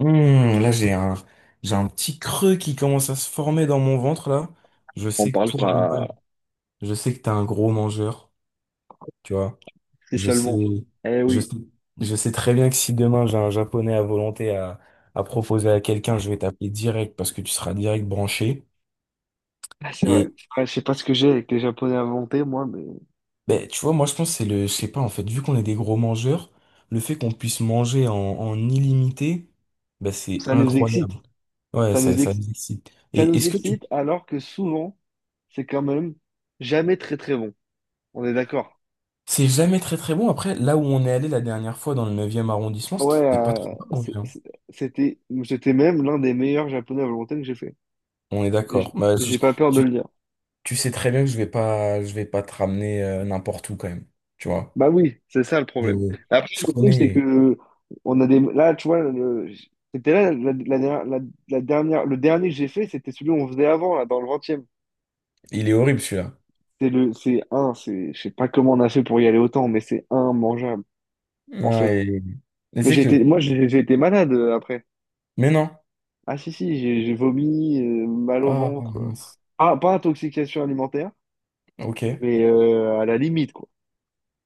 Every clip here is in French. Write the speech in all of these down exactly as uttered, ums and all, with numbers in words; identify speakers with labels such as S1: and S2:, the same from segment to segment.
S1: Hmm, là, j'ai un, j'ai un petit creux qui commence à se former dans mon ventre, là. Je
S2: On
S1: sais que
S2: parle
S1: toi, Roman,
S2: pas
S1: je sais que t'es un gros mangeur, tu vois.
S2: si
S1: Je sais,
S2: seulement. Eh
S1: je
S2: oui,
S1: sais, je sais très bien que si demain j'ai un japonais à volonté à, à proposer à quelqu'un, je vais t'appeler direct parce que tu seras direct branché.
S2: ah, c'est vrai.
S1: Et,
S2: C'est vrai, je sais pas ce que j'ai avec les Japonais inventés, moi, mais
S1: ben, tu vois, moi, je pense que c'est le, je sais pas, en fait, vu qu'on est des gros mangeurs, le fait qu'on puisse manger en, en illimité, ben, c'est
S2: ça nous excite.
S1: incroyable. Ouais,
S2: Ça
S1: ça,
S2: nous
S1: ça
S2: ex-
S1: nous excite.
S2: Ça
S1: Et
S2: nous
S1: est-ce que tu
S2: excite alors que souvent, c'est quand même jamais très très bon. On est d'accord.
S1: C'est jamais très très bon. Après, là où on est allé la dernière fois dans le neuvième arrondissement,
S2: Ouais,
S1: c'était pas très
S2: euh,
S1: bon, en
S2: c'est-
S1: vrai, hein.
S2: c'est- c'était c'était même l'un des meilleurs Japonais à volonté que j'ai fait.
S1: On est
S2: Et
S1: d'accord.
S2: j'-
S1: Bah,
S2: j'ai
S1: je-
S2: pas peur de
S1: tu,
S2: le dire.
S1: tu sais très bien que je vais pas, je vais pas te ramener euh, n'importe où quand même. Tu vois.
S2: Bah oui, c'est ça le
S1: Je,
S2: problème. Après,
S1: je
S2: le truc, c'est
S1: connais.
S2: que on a des. Là, tu vois, le- c'était là la, la dernière, la- la dernière, le dernier que j'ai fait, c'était celui qu'on faisait avant, là, dans le vingtième.
S1: Il est horrible celui-là.
S2: C'est le, c'est un, c'est, je sais pas comment on a fait pour y aller autant, mais c'est immangeable, en
S1: Ah,
S2: fait.
S1: et, et
S2: Mais
S1: c'est
S2: j'ai
S1: que.
S2: été, moi, j'ai j'ai été malade euh, après.
S1: Mais non.
S2: Ah si, si, j'ai j'ai vomi, euh, mal au
S1: Ah
S2: ventre. euh.
S1: mince.
S2: Ah, pas intoxication alimentaire,
S1: Ok.
S2: mais euh, à la limite, quoi.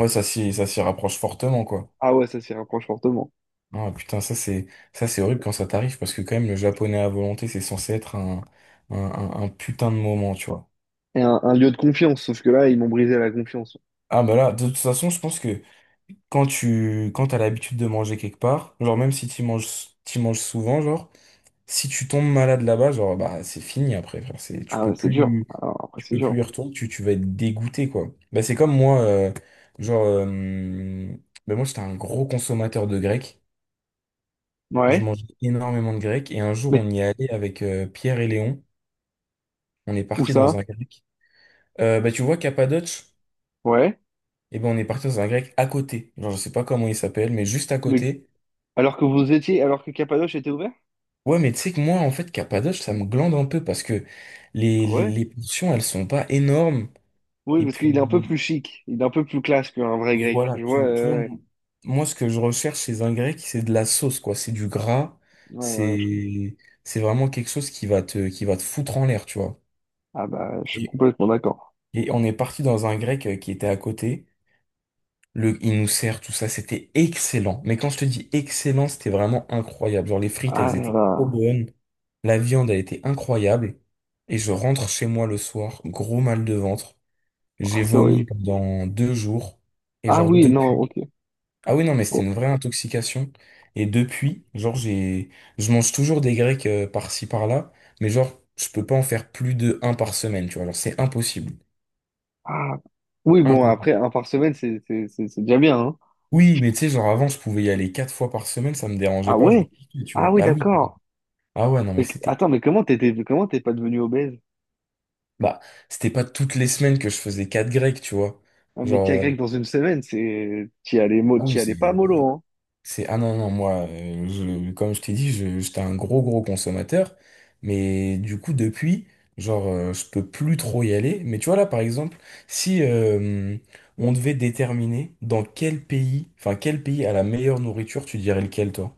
S1: Ouais, ça s'y, ça s'y rapproche fortement quoi.
S2: Ah ouais, ça s'y rapproche fortement.
S1: Ah putain, ça c'est, ça c'est horrible quand ça t'arrive parce que quand même le japonais à volonté, c'est censé être un, un, un un putain de moment, tu vois.
S2: Et un, un lieu de confiance, sauf que là, ils m'ont brisé la confiance.
S1: Ah bah là, de toute façon, je pense que quand tu quand t'as l'habitude de manger quelque part, genre même si tu manges t'y manges souvent, genre si tu tombes malade là-bas, genre bah c'est fini après, frère, c'est tu
S2: Ah ouais,
S1: peux
S2: c'est dur.
S1: plus
S2: Alors, après,
S1: tu
S2: c'est
S1: peux plus
S2: dur.
S1: y retourner, tu, tu vas être dégoûté quoi. Bah c'est comme moi euh, genre euh, bah, moi j'étais un gros consommateur de grec, je
S2: Ouais.
S1: mangeais énormément de grec et un jour
S2: Mais
S1: on y est allé avec euh, Pierre et Léon, on est
S2: où
S1: parti dans
S2: ça?
S1: un grec. Euh, bah tu vois Cappadoce,
S2: Ouais.
S1: et ben on est parti dans un grec à côté. Genre je sais pas comment il s'appelle mais juste à
S2: Mais
S1: côté.
S2: alors que vous étiez, alors que Cappadoce était ouvert?
S1: Ouais, mais tu sais que moi, en fait, Cappadoce, ça me glande un peu parce que les,
S2: Ah
S1: les,
S2: ouais.
S1: les portions, elles sont pas énormes.
S2: Oui,
S1: Et
S2: parce qu'il est un peu
S1: puis,
S2: plus chic, il est un peu plus classe qu'un vrai grec.
S1: voilà,
S2: Je
S1: tu,
S2: vois,
S1: tu vois,
S2: euh, ouais.
S1: mon- moi, ce que je recherche chez un grec, c'est de la sauce, quoi. C'est du gras.
S2: Ouais, ouais, je...
S1: C'est, c'est vraiment quelque chose qui va te, qui va te foutre en l'air, tu vois.
S2: Ah bah, je suis
S1: Et,
S2: complètement d'accord.
S1: et on est parti dans un grec euh, qui était à côté. Le, il nous sert tout ça. C'était excellent. Mais quand je te dis excellent, c'était vraiment incroyable. Genre, les frites,
S2: Ah
S1: elles
S2: là
S1: étaient trop
S2: là.
S1: bonnes. La viande a été incroyable et je rentre chez moi le soir, gros mal de ventre.
S2: Ah,
S1: J'ai
S2: c'est
S1: vomi
S2: horrible.
S1: pendant deux jours et
S2: Ah
S1: genre
S2: oui, non,
S1: depuis.
S2: ok.
S1: Ah oui, non, mais
S2: Bon.
S1: c'était une vraie intoxication. Et depuis, genre j'ai, je mange toujours des grecs euh, par-ci par-là, mais genre je peux pas en faire plus de un par semaine, tu vois. Genre c'est impossible.
S2: Ah. Oui, bon, après,
S1: Impossible.
S2: un par semaine, c'est c'est- c'est- c'est déjà bien, hein.
S1: Oui, mais tu sais, genre avant je pouvais y aller quatre fois par semaine, ça me dérangeait
S2: Ah
S1: pas, je
S2: ouais?
S1: kiffais, tu
S2: Ah
S1: vois.
S2: oui,
S1: Bah oui.
S2: d'accord.
S1: Ah ouais, non, mais
S2: Et que-
S1: c'était,
S2: attends, mais comment t'étais, comment t'es pas devenu obèse?
S1: bah c'était pas toutes les semaines que je faisais quatre grecs, tu vois.
S2: Un mec
S1: Genre.
S2: à
S1: euh,
S2: grec dans une semaine, c'est... T'y allais, mo-
S1: Ah
S2: t'y
S1: oui,
S2: allais
S1: c'est...
S2: pas mollo, hein.
S1: c'est- ah non, non, moi, euh, je- comme je t'ai dit, je- j'étais un gros, gros consommateur. Mais du coup, depuis, genre, euh, je peux plus trop y aller. Mais tu vois, là, par exemple, si euh, on devait déterminer dans quel pays, enfin, quel pays a la meilleure nourriture, tu dirais lequel, toi?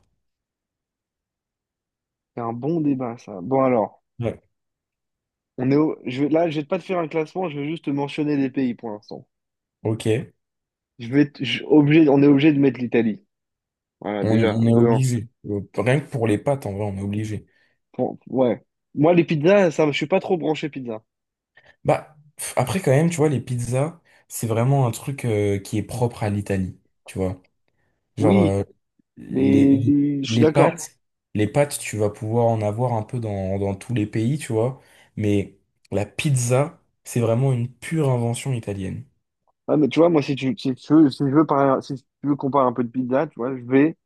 S2: C'est un bon débat, ça. Bon, alors,
S1: Ouais.
S2: on est au- je vais... là, je vais pas te faire un classement, je vais juste te mentionner les pays pour l'instant.
S1: Ok,
S2: Je vais te- je- Obligé... On est obligé de mettre l'Italie. Voilà,
S1: on,
S2: déjà,
S1: on est
S2: deux un.
S1: obligé. Euh, Rien que pour les pâtes, en vrai, on est obligé.
S2: Bon, ouais. Moi, les pizzas, ça, me- je suis pas trop branché pizza.
S1: Bah, pff, après, quand même, tu vois, les pizzas, c'est vraiment un truc euh, qui est propre à l'Italie. Tu vois. Genre,
S2: Oui,
S1: euh, les,
S2: mais
S1: les,
S2: je suis
S1: les
S2: d'accord.
S1: pâtes, les pâtes, tu vas pouvoir en avoir un peu dans, dans tous les pays, tu vois. Mais la pizza, c'est vraiment une pure invention italienne.
S2: Ouais, mais tu vois, moi, si tu, si tu veux, si je veux parler- si tu veux qu'on parle un peu de pizza, tu vois, je vais.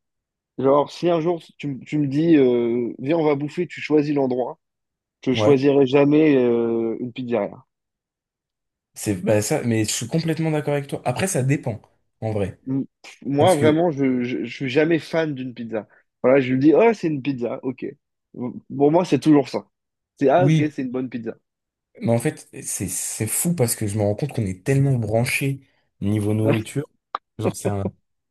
S2: Genre, si un jour tu, m- tu me dis, euh, viens, on va bouffer, tu choisis l'endroit, je
S1: Ouais,
S2: choisirai jamais euh, une pizzeria.
S1: c'est bah, ça, mais je suis complètement d'accord avec toi. Après, ça dépend, en vrai.
S2: m- Moi,
S1: Parce que,
S2: vraiment, je, je, je suis jamais fan d'une pizza. Voilà, je me dis, oh, c'est une pizza, ok. Pour moi, c'est toujours ça. C'est, ah, ok,
S1: oui,
S2: c'est une bonne pizza.
S1: mais en fait, c'est c'est fou parce que je me rends compte qu'on est tellement branché niveau nourriture. Genre, c'est un,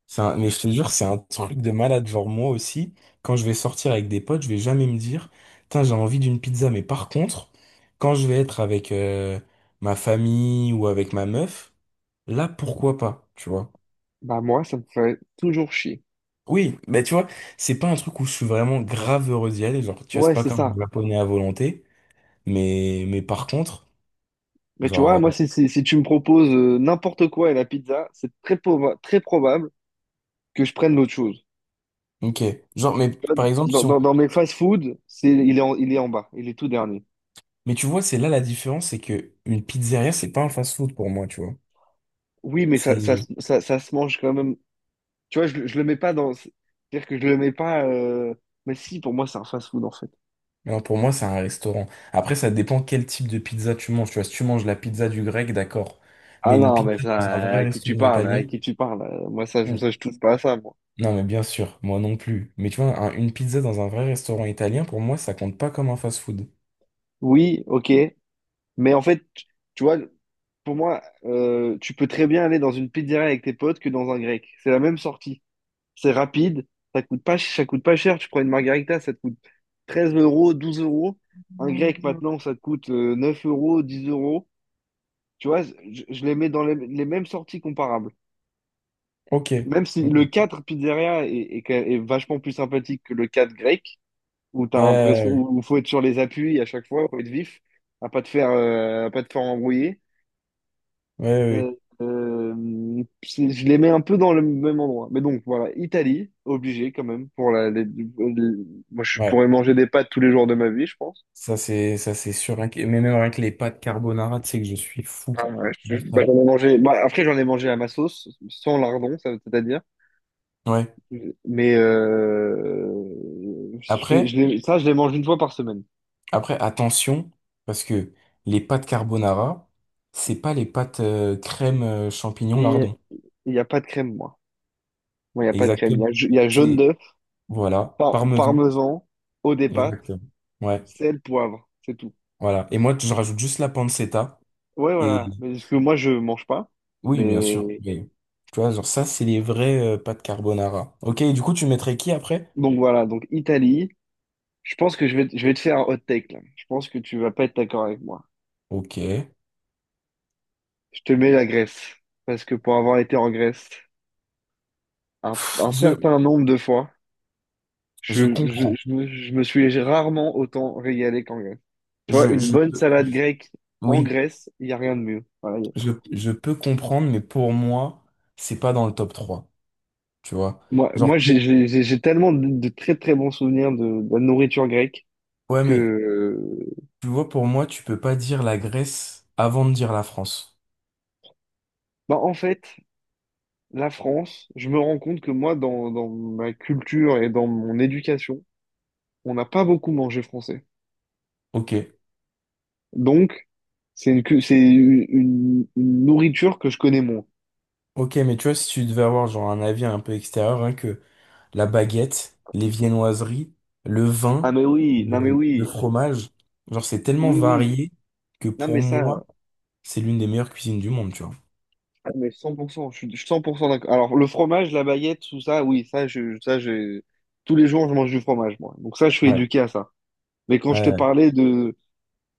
S1: c'est un, mais je te jure, c'est un truc de malade. Genre, moi aussi, quand je vais sortir avec des potes, je vais jamais me dire, tain, j'ai envie d'une pizza. Mais par contre, quand je vais être avec euh, ma famille ou avec ma meuf, là, pourquoi pas, tu vois?
S2: Bah, moi, ça me fait toujours chier.
S1: Oui, mais tu vois, c'est pas un truc où je suis vraiment grave heureux d'y aller. Genre, tu vois, c'est
S2: Ouais,
S1: pas
S2: c'est
S1: comme
S2: ça.
S1: japonais à volonté. Mais, mais par contre,
S2: Mais tu vois,
S1: genre,
S2: moi, si, si, si tu me proposes euh, n'importe quoi et la pizza, c'est très, proba- très probable que je prenne l'autre chose.
S1: euh, ok. Genre, mais par exemple,
S2: Dans,
S1: si on.
S2: dans, dans mes fast-food, c'est, il est en, il est en bas, il est tout dernier.
S1: Mais tu vois, c'est là la différence, c'est que une pizzeria, c'est pas un fast-food pour moi, tu vois.
S2: Oui, mais ça, ça, se-
S1: C'est
S2: ça, ça se mange quand même. Tu vois, je, le- je le mets pas dans. C'est-à-dire que je le mets pas. euh, Mais si, pour moi, c'est un fast-food, en fait.
S1: Non, pour moi, c'est un restaurant. Après, ça dépend quel type de pizza tu manges. Tu vois, si tu manges la pizza du grec, d'accord.
S2: Ah
S1: Mais une
S2: non, mais
S1: pizza dans un
S2: ça,
S1: vrai
S2: à qui tu
S1: restaurant
S2: parles, à
S1: italien?
S2: qui tu parles. euh, Moi, ça, je,
S1: Non,
S2: ça, je touche pas à ça, moi.
S1: non, mais bien sûr, moi non plus. Mais tu vois, un- une pizza dans un vrai restaurant italien, pour moi, ça compte pas comme un fast-food.
S2: Oui, ok. Mais en fait, tu tu vois, pour moi, euh, tu peux très bien aller dans une pizzeria avec tes potes que dans un grec. C'est la même sortie. C'est rapide, ça coûte pas, ça coûte pas cher. Tu prends une margarita, ça te coûte treize euros, douze euros. Un grec, maintenant, ça te coûte euh, neuf euros, dix euros. Tu vois, je, je les mets dans les, les mêmes sorties comparables.
S1: Ok.
S2: Même si le
S1: Ok.
S2: quatre pizzeria est, est quand même- est vachement plus sympathique que le quatre grec, où t'as
S1: Ouais,
S2: l'impression
S1: ouais,
S2: où où faut être sur les appuis à chaque fois, faut être vif, à pas te faire euh, à pas te faire embrouiller. Euh,
S1: ouais,
S2: euh, c'est- je les mets un peu dans le même endroit. Mais donc voilà, Italie, obligé quand même pour la. Les- les- moi, je
S1: ouais. Ouais.
S2: pourrais manger des pâtes tous les jours de ma vie, je pense.
S1: Ça, c'est, ça, c'est sûr. Mais même avec les pâtes carbonara, tu sais que je suis fou
S2: Ah ouais, je-
S1: de
S2: bah,
S1: ça.
S2: j'en ai mangé. Bah, après, j'en ai mangé à ma sauce, sans lardon, ça- c'est-à-dire.
S1: Ouais.
S2: Mais euh, je, je
S1: Après,
S2: l'ai- ça, je les mange une fois par semaine.
S1: Après, attention, parce que les pâtes carbonara, c'est pas les pâtes euh, crème euh, champignon
S2: Et
S1: lardon.
S2: il n'y a pas de crème, moi. Moi, il n'y a pas de crème. Il
S1: Exactement.
S2: y a, il y a jaune
S1: C'est,
S2: d'œuf.
S1: voilà,
S2: Par
S1: parmesan.
S2: parmesan, eau des pâtes,
S1: Exactement. Ouais,
S2: sel, poivre, c'est tout.
S1: voilà. Et moi, je rajoute juste la pancetta.
S2: Ouais,
S1: Et
S2: voilà. Mais parce que moi, je mange pas.
S1: oui, bien sûr.
S2: Mais
S1: Mais, tu vois, genre ça, c'est les vraies euh, pâtes carbonara. Ok, et du coup, tu mettrais qui après?
S2: donc voilà, donc Italie. Je pense que je vais, je vais te faire un hot take là. Je pense que tu vas pas être d'accord avec moi.
S1: Ok.
S2: Je te mets la Grèce. Parce que pour avoir été en Grèce un, un
S1: Je,
S2: certain nombre de fois,
S1: je
S2: je, je,
S1: comprends.
S2: je me, je me suis rarement autant régalé qu'en Grèce. Tu vois,
S1: Je,
S2: une
S1: je
S2: bonne
S1: peux,
S2: salade
S1: je-
S2: grecque en
S1: oui,
S2: Grèce, il n'y a rien de mieux. Voilà.
S1: je, je peux comprendre, mais pour moi, c'est pas dans le top trois. Tu vois?
S2: Moi,
S1: Genre,
S2: moi j'ai j'ai- j'ai- j'ai tellement de, de très très bons souvenirs de, de la nourriture grecque.
S1: ouais, mais
S2: Que,
S1: tu vois, pour moi, tu peux pas dire la Grèce avant de dire la France.
S2: bah, en fait, la France, je me rends compte que moi, dans, dans ma culture et dans mon éducation, on n'a pas beaucoup mangé français.
S1: Ok.
S2: Donc, c'est une, cu- c'est une, une- une nourriture que je connais moins.
S1: Ok, mais tu vois, si tu devais avoir genre un avis un peu extérieur, hein, que la baguette, les viennoiseries, le
S2: Ah,
S1: vin,
S2: mais oui, non, mais
S1: le, le
S2: oui,
S1: fromage, genre c'est tellement
S2: oui, oui.
S1: varié que
S2: Non, mais
S1: pour
S2: ça,
S1: moi, c'est l'une des meilleures cuisines du monde, tu vois.
S2: ah, mais cent pour cent je suis je suis cent pour cent d'accord. Alors, le fromage, la baguette, tout ça, oui, ça, je, ça, je, tous les jours, je mange du fromage, moi. Donc, ça, je suis
S1: Ouais.
S2: éduqué à ça. Mais quand je te
S1: Ouais.
S2: parlais de,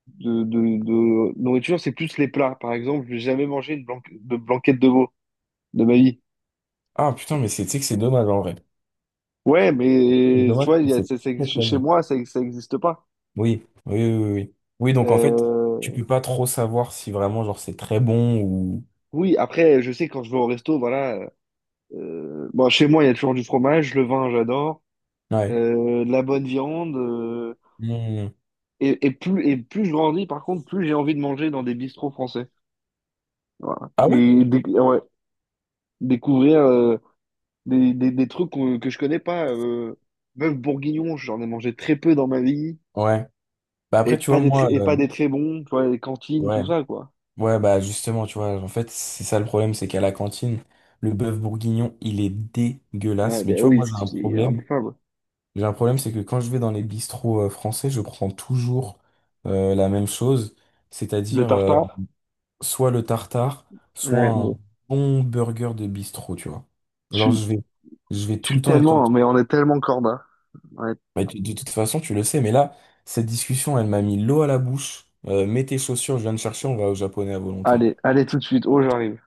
S2: de, de, de nourriture, c'est plus les plats. Par exemple, j'ai jamais mangé une blanque- de blanquette de veau de ma vie.
S1: Ah putain, mais c'est, tu sais que c'est dommage en vrai.
S2: Ouais,
S1: C'est
S2: mais tu
S1: dommage
S2: vois, il y
S1: parce
S2: a-
S1: que c'est
S2: c'est- c'est-
S1: très
S2: chez
S1: très
S2: chez
S1: bon.
S2: moi, ça n'existe pas.
S1: Oui, oui, oui, oui. Oui, donc en fait, tu
S2: Euh,
S1: peux pas trop savoir si vraiment genre c'est très bon ou...
S2: oui, après, je sais quand je vais au resto, voilà. Euh, bon, chez moi, il y a toujours du fromage, le vin, j'adore,
S1: Ouais.
S2: euh, de la bonne viande. Euh,
S1: Mmh.
S2: et, et plus et plus je grandis, par contre, plus j'ai envie de manger dans des bistrots français. Voilà.
S1: Ah ouais?
S2: Et déc- ouais, découvrir. euh, Des, des, des trucs qu'on- que je connais pas. Euh, bœuf bourguignon, j'en ai mangé très peu dans ma vie.
S1: Ouais. Bah
S2: Et
S1: après, tu vois,
S2: pas des, tr-
S1: moi,
S2: et pas
S1: euh,
S2: des très bons, tu vois, les cantines, tout
S1: ouais.
S2: ça, quoi.
S1: Ouais, bah justement, tu vois, en fait, c'est ça le problème, c'est qu'à la cantine, le bœuf bourguignon, il est
S2: Ouais,
S1: dégueulasse. Mais
S2: ben
S1: tu vois,
S2: oui,
S1: moi, j'ai
S2: c'est
S1: un
S2: c'est
S1: problème.
S2: imbouffable.
S1: J'ai un problème, c'est que quand je vais dans les bistrots euh, français, je prends toujours euh, la même chose,
S2: Le
S1: c'est-à-dire euh,
S2: tartare,
S1: soit le tartare, soit
S2: ouais,
S1: un
S2: bon.
S1: bon burger de bistrot, tu vois.
S2: Je
S1: Alors,
S2: suis,
S1: je vais, je vais
S2: je
S1: tout
S2: suis
S1: le temps être
S2: tellement,
S1: sur.
S2: mais on est tellement corda. Ouais.
S1: Mais tu- de toute façon, tu le sais, mais là, cette discussion, elle m'a mis l'eau à la bouche. Euh, mets tes chaussures, je viens de chercher, on va au japonais à volonté.
S2: Allez, allez tout de suite. Oh, j'arrive.